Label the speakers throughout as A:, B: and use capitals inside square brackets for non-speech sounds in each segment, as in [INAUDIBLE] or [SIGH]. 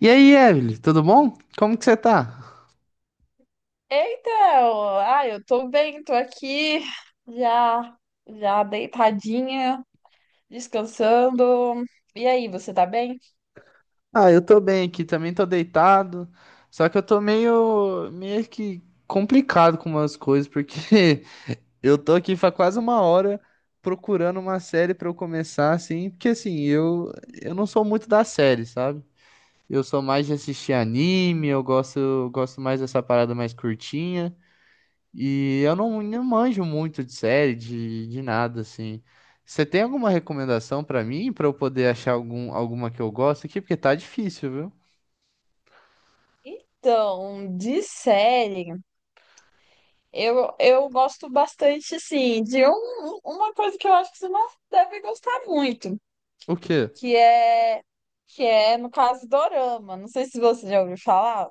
A: E aí, Evelyn, tudo bom? Como que você tá?
B: Então, eu tô bem, tô aqui já já deitadinha, descansando. E aí, você tá bem?
A: Ah, eu tô bem aqui, também tô deitado, só que eu tô meio que complicado com umas coisas, porque [LAUGHS] eu tô aqui faz quase uma hora procurando uma série pra eu começar, assim, porque assim, eu não sou muito da série, sabe? Eu sou mais de assistir anime, eu gosto mais dessa parada mais curtinha. E eu não manjo muito de série, de nada, assim. Você tem alguma recomendação pra mim, pra eu poder achar alguma que eu gosto aqui? Porque tá difícil, viu?
B: Então, de série, eu gosto bastante, sim, de uma coisa que eu acho que você não deve gostar muito,
A: O quê?
B: que é, que é, no caso, Dorama. Não sei se você já ouviu falar.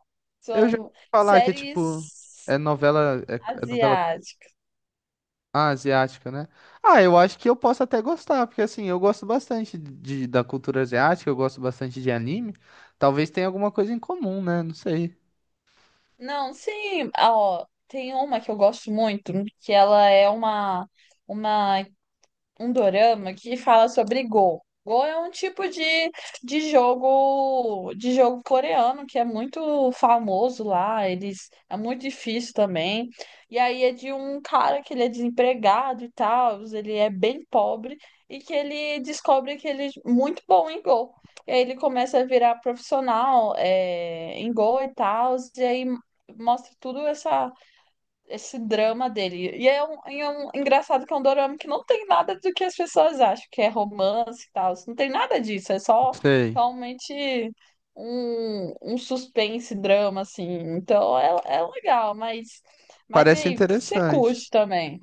A: Eu já
B: São
A: ouvi falar que é tipo.
B: séries
A: É novela. É novela
B: asiáticas.
A: asiática, né? Ah, eu acho que eu posso até gostar, porque assim, eu gosto bastante da cultura asiática, eu gosto bastante de anime. Talvez tenha alguma coisa em comum, né? Não sei.
B: Não, sim, ó, tem uma que eu gosto muito, que ela é uma um dorama que fala sobre Go. Go é um tipo de jogo coreano que é muito famoso lá, eles é muito difícil também. E aí é de um cara que ele é desempregado e tal, ele é bem pobre e que ele descobre que ele é muito bom em Go. E aí ele começa a virar profissional em Go e tal, e aí mostra tudo essa esse drama dele. E é um engraçado que é um dorama que não tem nada do que as pessoas acham, que é romance e tal. Não tem nada disso, é
A: Não
B: só
A: sei.
B: realmente um suspense, drama, assim. Então é, é legal, mas e
A: Parece
B: aí, o que você
A: interessante.
B: curte também?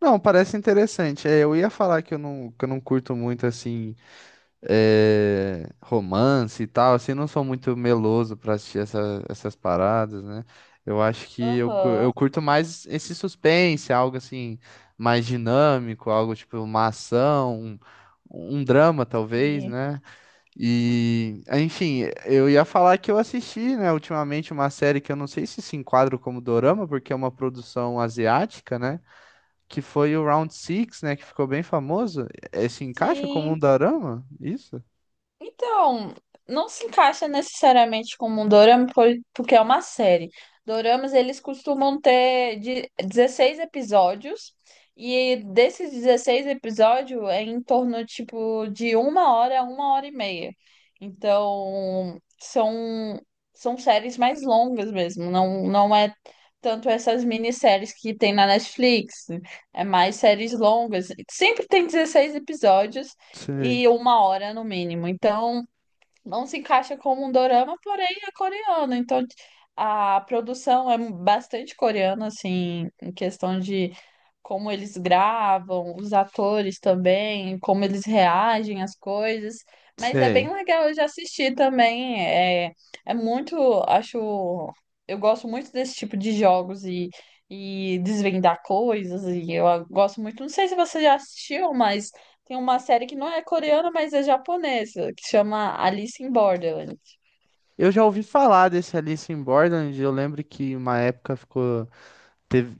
A: Não, parece interessante. É, eu ia falar que eu não curto muito, assim, é, romance e tal, assim, não sou muito meloso pra assistir essas paradas, né? Eu acho que eu
B: Aham,
A: curto mais esse suspense, algo assim, mais dinâmico, algo tipo uma ação, um drama, talvez,
B: sim.
A: né? E, enfim, eu ia falar que eu assisti, né, ultimamente uma série que eu não sei se enquadra como dorama, porque é uma produção asiática, né? Que foi o Round Six, né, que ficou bem famoso, se encaixa como um
B: Sim.
A: dorama? Isso?
B: Então, não se encaixa necessariamente como um dorama, porque é uma série. Doramas, eles costumam ter de 16 episódios, e desses 16 episódios é em torno, tipo, de uma hora a uma hora e meia. Então, são, são séries mais longas mesmo, não é tanto essas minisséries que tem na Netflix, é mais séries longas. Sempre tem 16 episódios,
A: Sei,
B: e uma hora no mínimo. Então, não se encaixa como um dorama, porém é coreano. Então, a produção é bastante coreana, assim, em questão de como eles gravam, os atores também, como eles reagem às coisas. Mas é
A: sei.
B: bem legal, eu já assisti também. É, é muito, acho, eu gosto muito desse tipo de jogos e. E desvendar coisas, e eu gosto muito. Não sei se você já assistiu, mas tem uma série que não é coreana, mas é japonesa, que chama Alice in Borderland.
A: Eu já ouvi falar desse Alice in Borderland, eu lembro que uma época ficou teve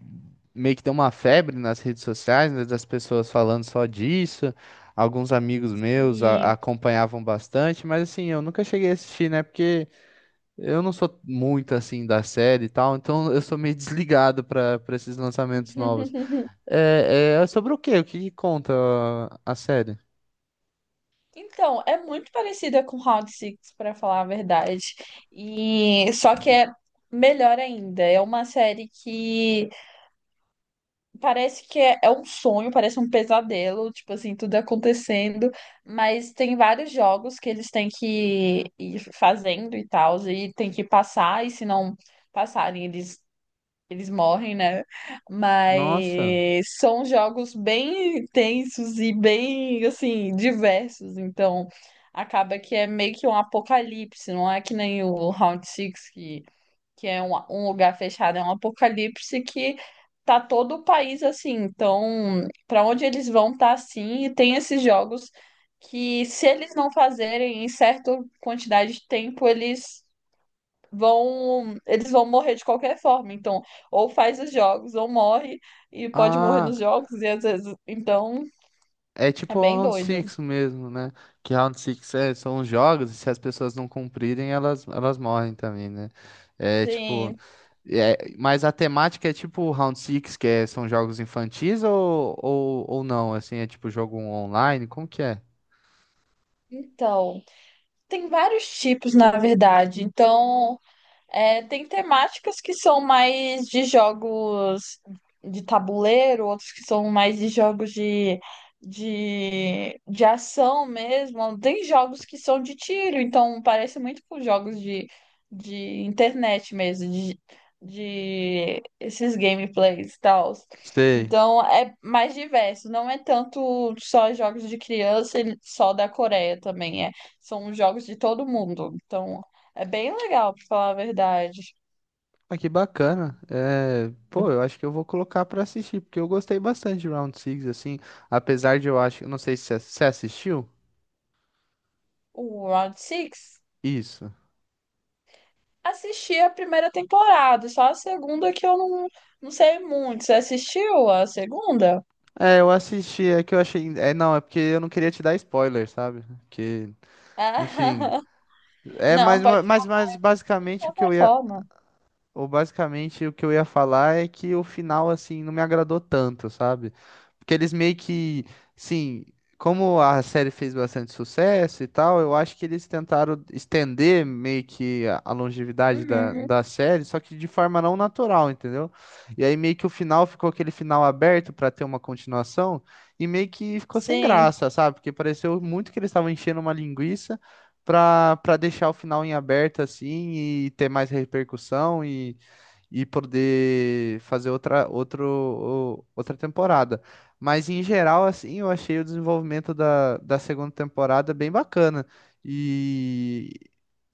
A: meio que deu uma febre nas redes sociais, né, das pessoas falando só disso. Alguns amigos meus
B: E...
A: acompanhavam bastante, mas assim, eu nunca cheguei a assistir, né? Porque eu não sou muito assim da série e tal, então eu sou meio [LAUGHS] desligado para esses lançamentos novos.
B: [LAUGHS]
A: É, é sobre o quê? O que que conta a série?
B: Então, é muito parecida com Round Six, pra falar a verdade. E só que é melhor ainda. É uma série que parece que é um sonho, parece um pesadelo, tipo assim, tudo acontecendo, mas tem vários jogos que eles têm que ir fazendo e tal, e tem que passar, e se não passarem, eles morrem, né?
A: Nossa.
B: Mas são jogos bem intensos e bem, assim, diversos. Então, acaba que é meio que um apocalipse. Não é que nem o Round Six que é um lugar fechado. É um apocalipse que tá todo o país assim. Então, para onde eles vão tá assim. E tem esses jogos que, se eles não fazerem em certa quantidade de tempo, eles vão morrer de qualquer forma. Então, ou faz os jogos, ou morre, e pode morrer
A: Ah,
B: nos jogos, e às vezes. Então,
A: é
B: é
A: tipo o
B: bem
A: Round
B: doido.
A: Six mesmo, né? Que Round Six são os jogos e se as pessoas não cumprirem, elas morrem também, né? É tipo.
B: Sim.
A: É, mas a temática é tipo o Round Six, são jogos infantis ou não? Assim, é tipo jogo online? Como que é?
B: Então, tem vários tipos, na verdade. É, tem temáticas que são mais de jogos de tabuleiro, outros que são mais de jogos de ação mesmo. Tem jogos que são de tiro, então parece muito com jogos de internet mesmo, de esses gameplays e tal.
A: Sei.
B: Então é mais diverso, não é tanto só jogos de criança e só da Coreia também, é, são jogos de todo mundo. Então. É bem legal, pra falar a verdade.
A: Ah, que bacana. É, pô, eu acho que eu vou colocar pra assistir, porque eu gostei bastante de Round Six assim, apesar de eu acho, não sei se você assistiu.
B: O Round Six
A: Isso.
B: assisti a primeira temporada, só a segunda que eu não, não sei muito. Você assistiu a segunda?
A: É, eu assisti, é que eu achei, é não, é porque eu não queria te dar spoiler, sabe? Que,
B: Ah,
A: enfim,
B: [LAUGHS]
A: é
B: não,
A: mais uma-
B: pode
A: mais
B: falar
A: mais
B: de
A: basicamente o que eu
B: qualquer
A: ia.
B: forma.
A: Ou basicamente o que eu ia falar é que o final, assim, não me agradou tanto, sabe? Porque eles meio que, sim, como a série fez bastante sucesso e tal, eu acho que eles tentaram estender meio que a longevidade da,
B: Uhum,
A: da série, só que de forma não natural, entendeu? E aí meio que o final ficou aquele final aberto pra ter uma continuação, e meio que ficou sem
B: sim.
A: graça, sabe? Porque pareceu muito que eles estavam enchendo uma linguiça pra deixar o final em aberto, assim, e ter mais repercussão e poder fazer outra temporada. Mas em geral, assim, eu achei o desenvolvimento da segunda temporada bem bacana. E,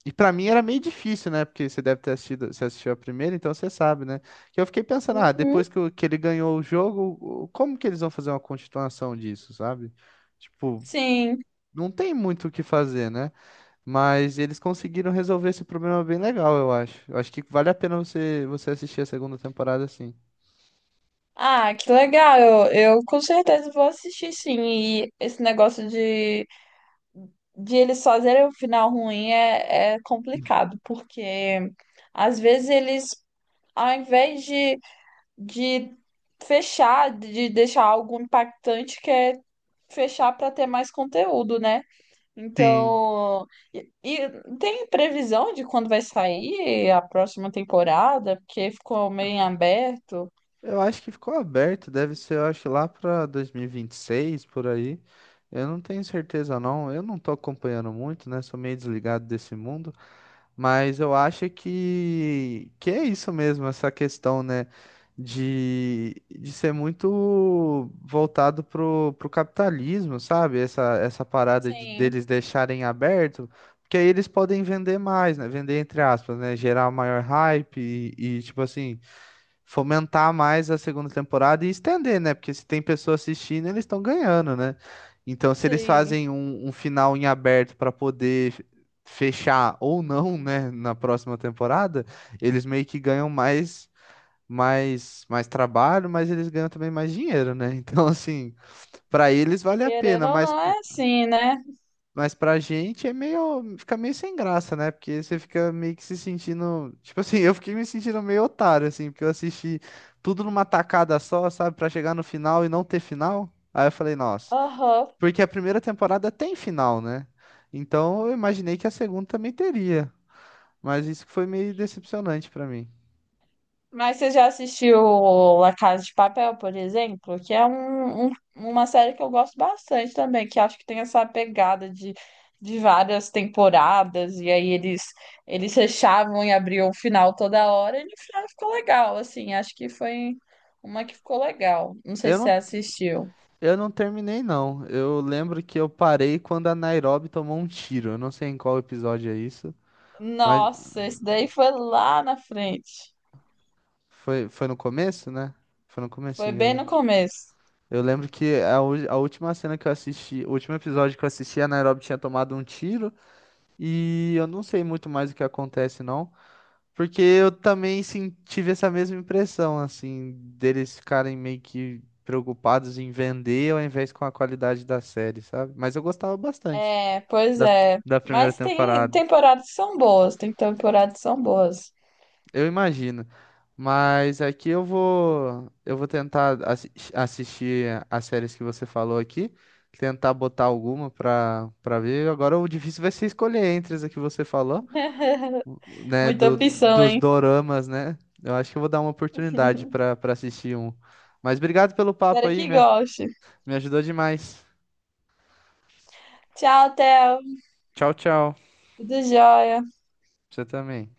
A: e para mim era meio difícil, né? Porque você deve ter assistido, você assistiu a primeira, então você sabe, né? Que eu fiquei pensando, ah,
B: Uhum,
A: depois que ele ganhou o jogo, como que eles vão fazer uma continuação disso, sabe? Tipo,
B: sim.
A: não tem muito o que fazer, né? Mas eles conseguiram resolver esse problema bem legal, eu acho. Eu acho que vale a pena você assistir a segunda temporada assim.
B: Ah, que legal. Eu com certeza vou assistir, sim. E esse negócio de eles fazerem o final ruim é, é complicado, porque às vezes ao invés de fechar, de deixar algo impactante, que é fechar para ter mais conteúdo, né?
A: Sim.
B: Então, e tem previsão de quando vai sair a próxima temporada, porque ficou meio em aberto.
A: Eu acho que ficou aberto, deve ser, eu acho, lá pra 2026, por aí. Eu não tenho certeza, não. Eu não tô acompanhando muito, né? Sou meio desligado desse mundo. Mas eu acho que é isso mesmo, essa questão, né, de ser muito voltado pro capitalismo, sabe? Essa parada de,
B: Sim,
A: deles deixarem aberto, porque aí eles podem vender mais, né? Vender entre aspas, né? Gerar maior hype e tipo assim, fomentar mais a segunda temporada e estender, né? Porque se tem pessoa assistindo, eles estão ganhando, né? Então, se eles
B: sim.
A: fazem um final em aberto para poder fechar ou não, né, na próxima temporada, eles meio que ganham mais trabalho, mas eles ganham também mais dinheiro, né? [LAUGHS] Então, assim, para eles vale a
B: Querendo
A: pena,
B: ou
A: mas
B: não, é assim, né?
A: pra gente é meio, fica meio sem graça, né? Porque você fica meio que se sentindo, tipo assim, [LAUGHS] eu fiquei me sentindo meio otário assim, porque eu assisti tudo numa tacada só, sabe, pra chegar no final e não ter final. Aí eu falei, nossa,
B: Aham.
A: porque a primeira temporada tem final, né? Então eu imaginei que a segunda também teria, mas isso que foi meio decepcionante pra mim.
B: Mas você já assistiu La Casa de Papel, por exemplo? Que é uma série que eu gosto bastante também, que acho que tem essa pegada de várias temporadas, e aí eles fechavam e abriam o final toda hora, e no final ficou legal, assim, acho que foi uma que ficou legal. Não sei
A: Eu
B: se você
A: não,
B: assistiu.
A: eu não terminei não. Eu lembro que eu parei quando a Nairobi tomou um tiro. Eu não sei em qual episódio é isso. Mas
B: Nossa, esse daí foi lá na frente.
A: foi no começo, né? Foi no
B: Foi
A: comecinho,
B: bem
A: né?
B: no começo.
A: Eu lembro que a última cena que eu assisti, o último episódio que eu assisti, a Nairobi tinha tomado um tiro e eu não sei muito mais o que acontece, não. Porque eu também sim, tive essa mesma impressão, assim, deles ficarem meio que preocupados em vender ao invés com a qualidade da série, sabe? Mas eu gostava bastante
B: É, pois
A: da,
B: é.
A: da primeira
B: Mas tem
A: temporada.
B: temporadas que são boas, tem temporadas que são boas.
A: Eu imagino. Mas aqui eu vou, tentar assistir as séries que você falou aqui, tentar botar alguma pra para ver. Agora o difícil vai ser escolher entre as que você falou,
B: [LAUGHS]
A: né,
B: Muita
A: do,
B: opção,
A: dos
B: hein?
A: doramas, né? Eu acho que eu vou dar uma oportunidade
B: [LAUGHS]
A: pra para assistir um. Mas obrigado pelo papo
B: Espero
A: aí,
B: que
A: me,
B: goste.
A: me ajudou demais.
B: Tchau, Theo.
A: Tchau, tchau.
B: Tudo jóia.
A: Você também.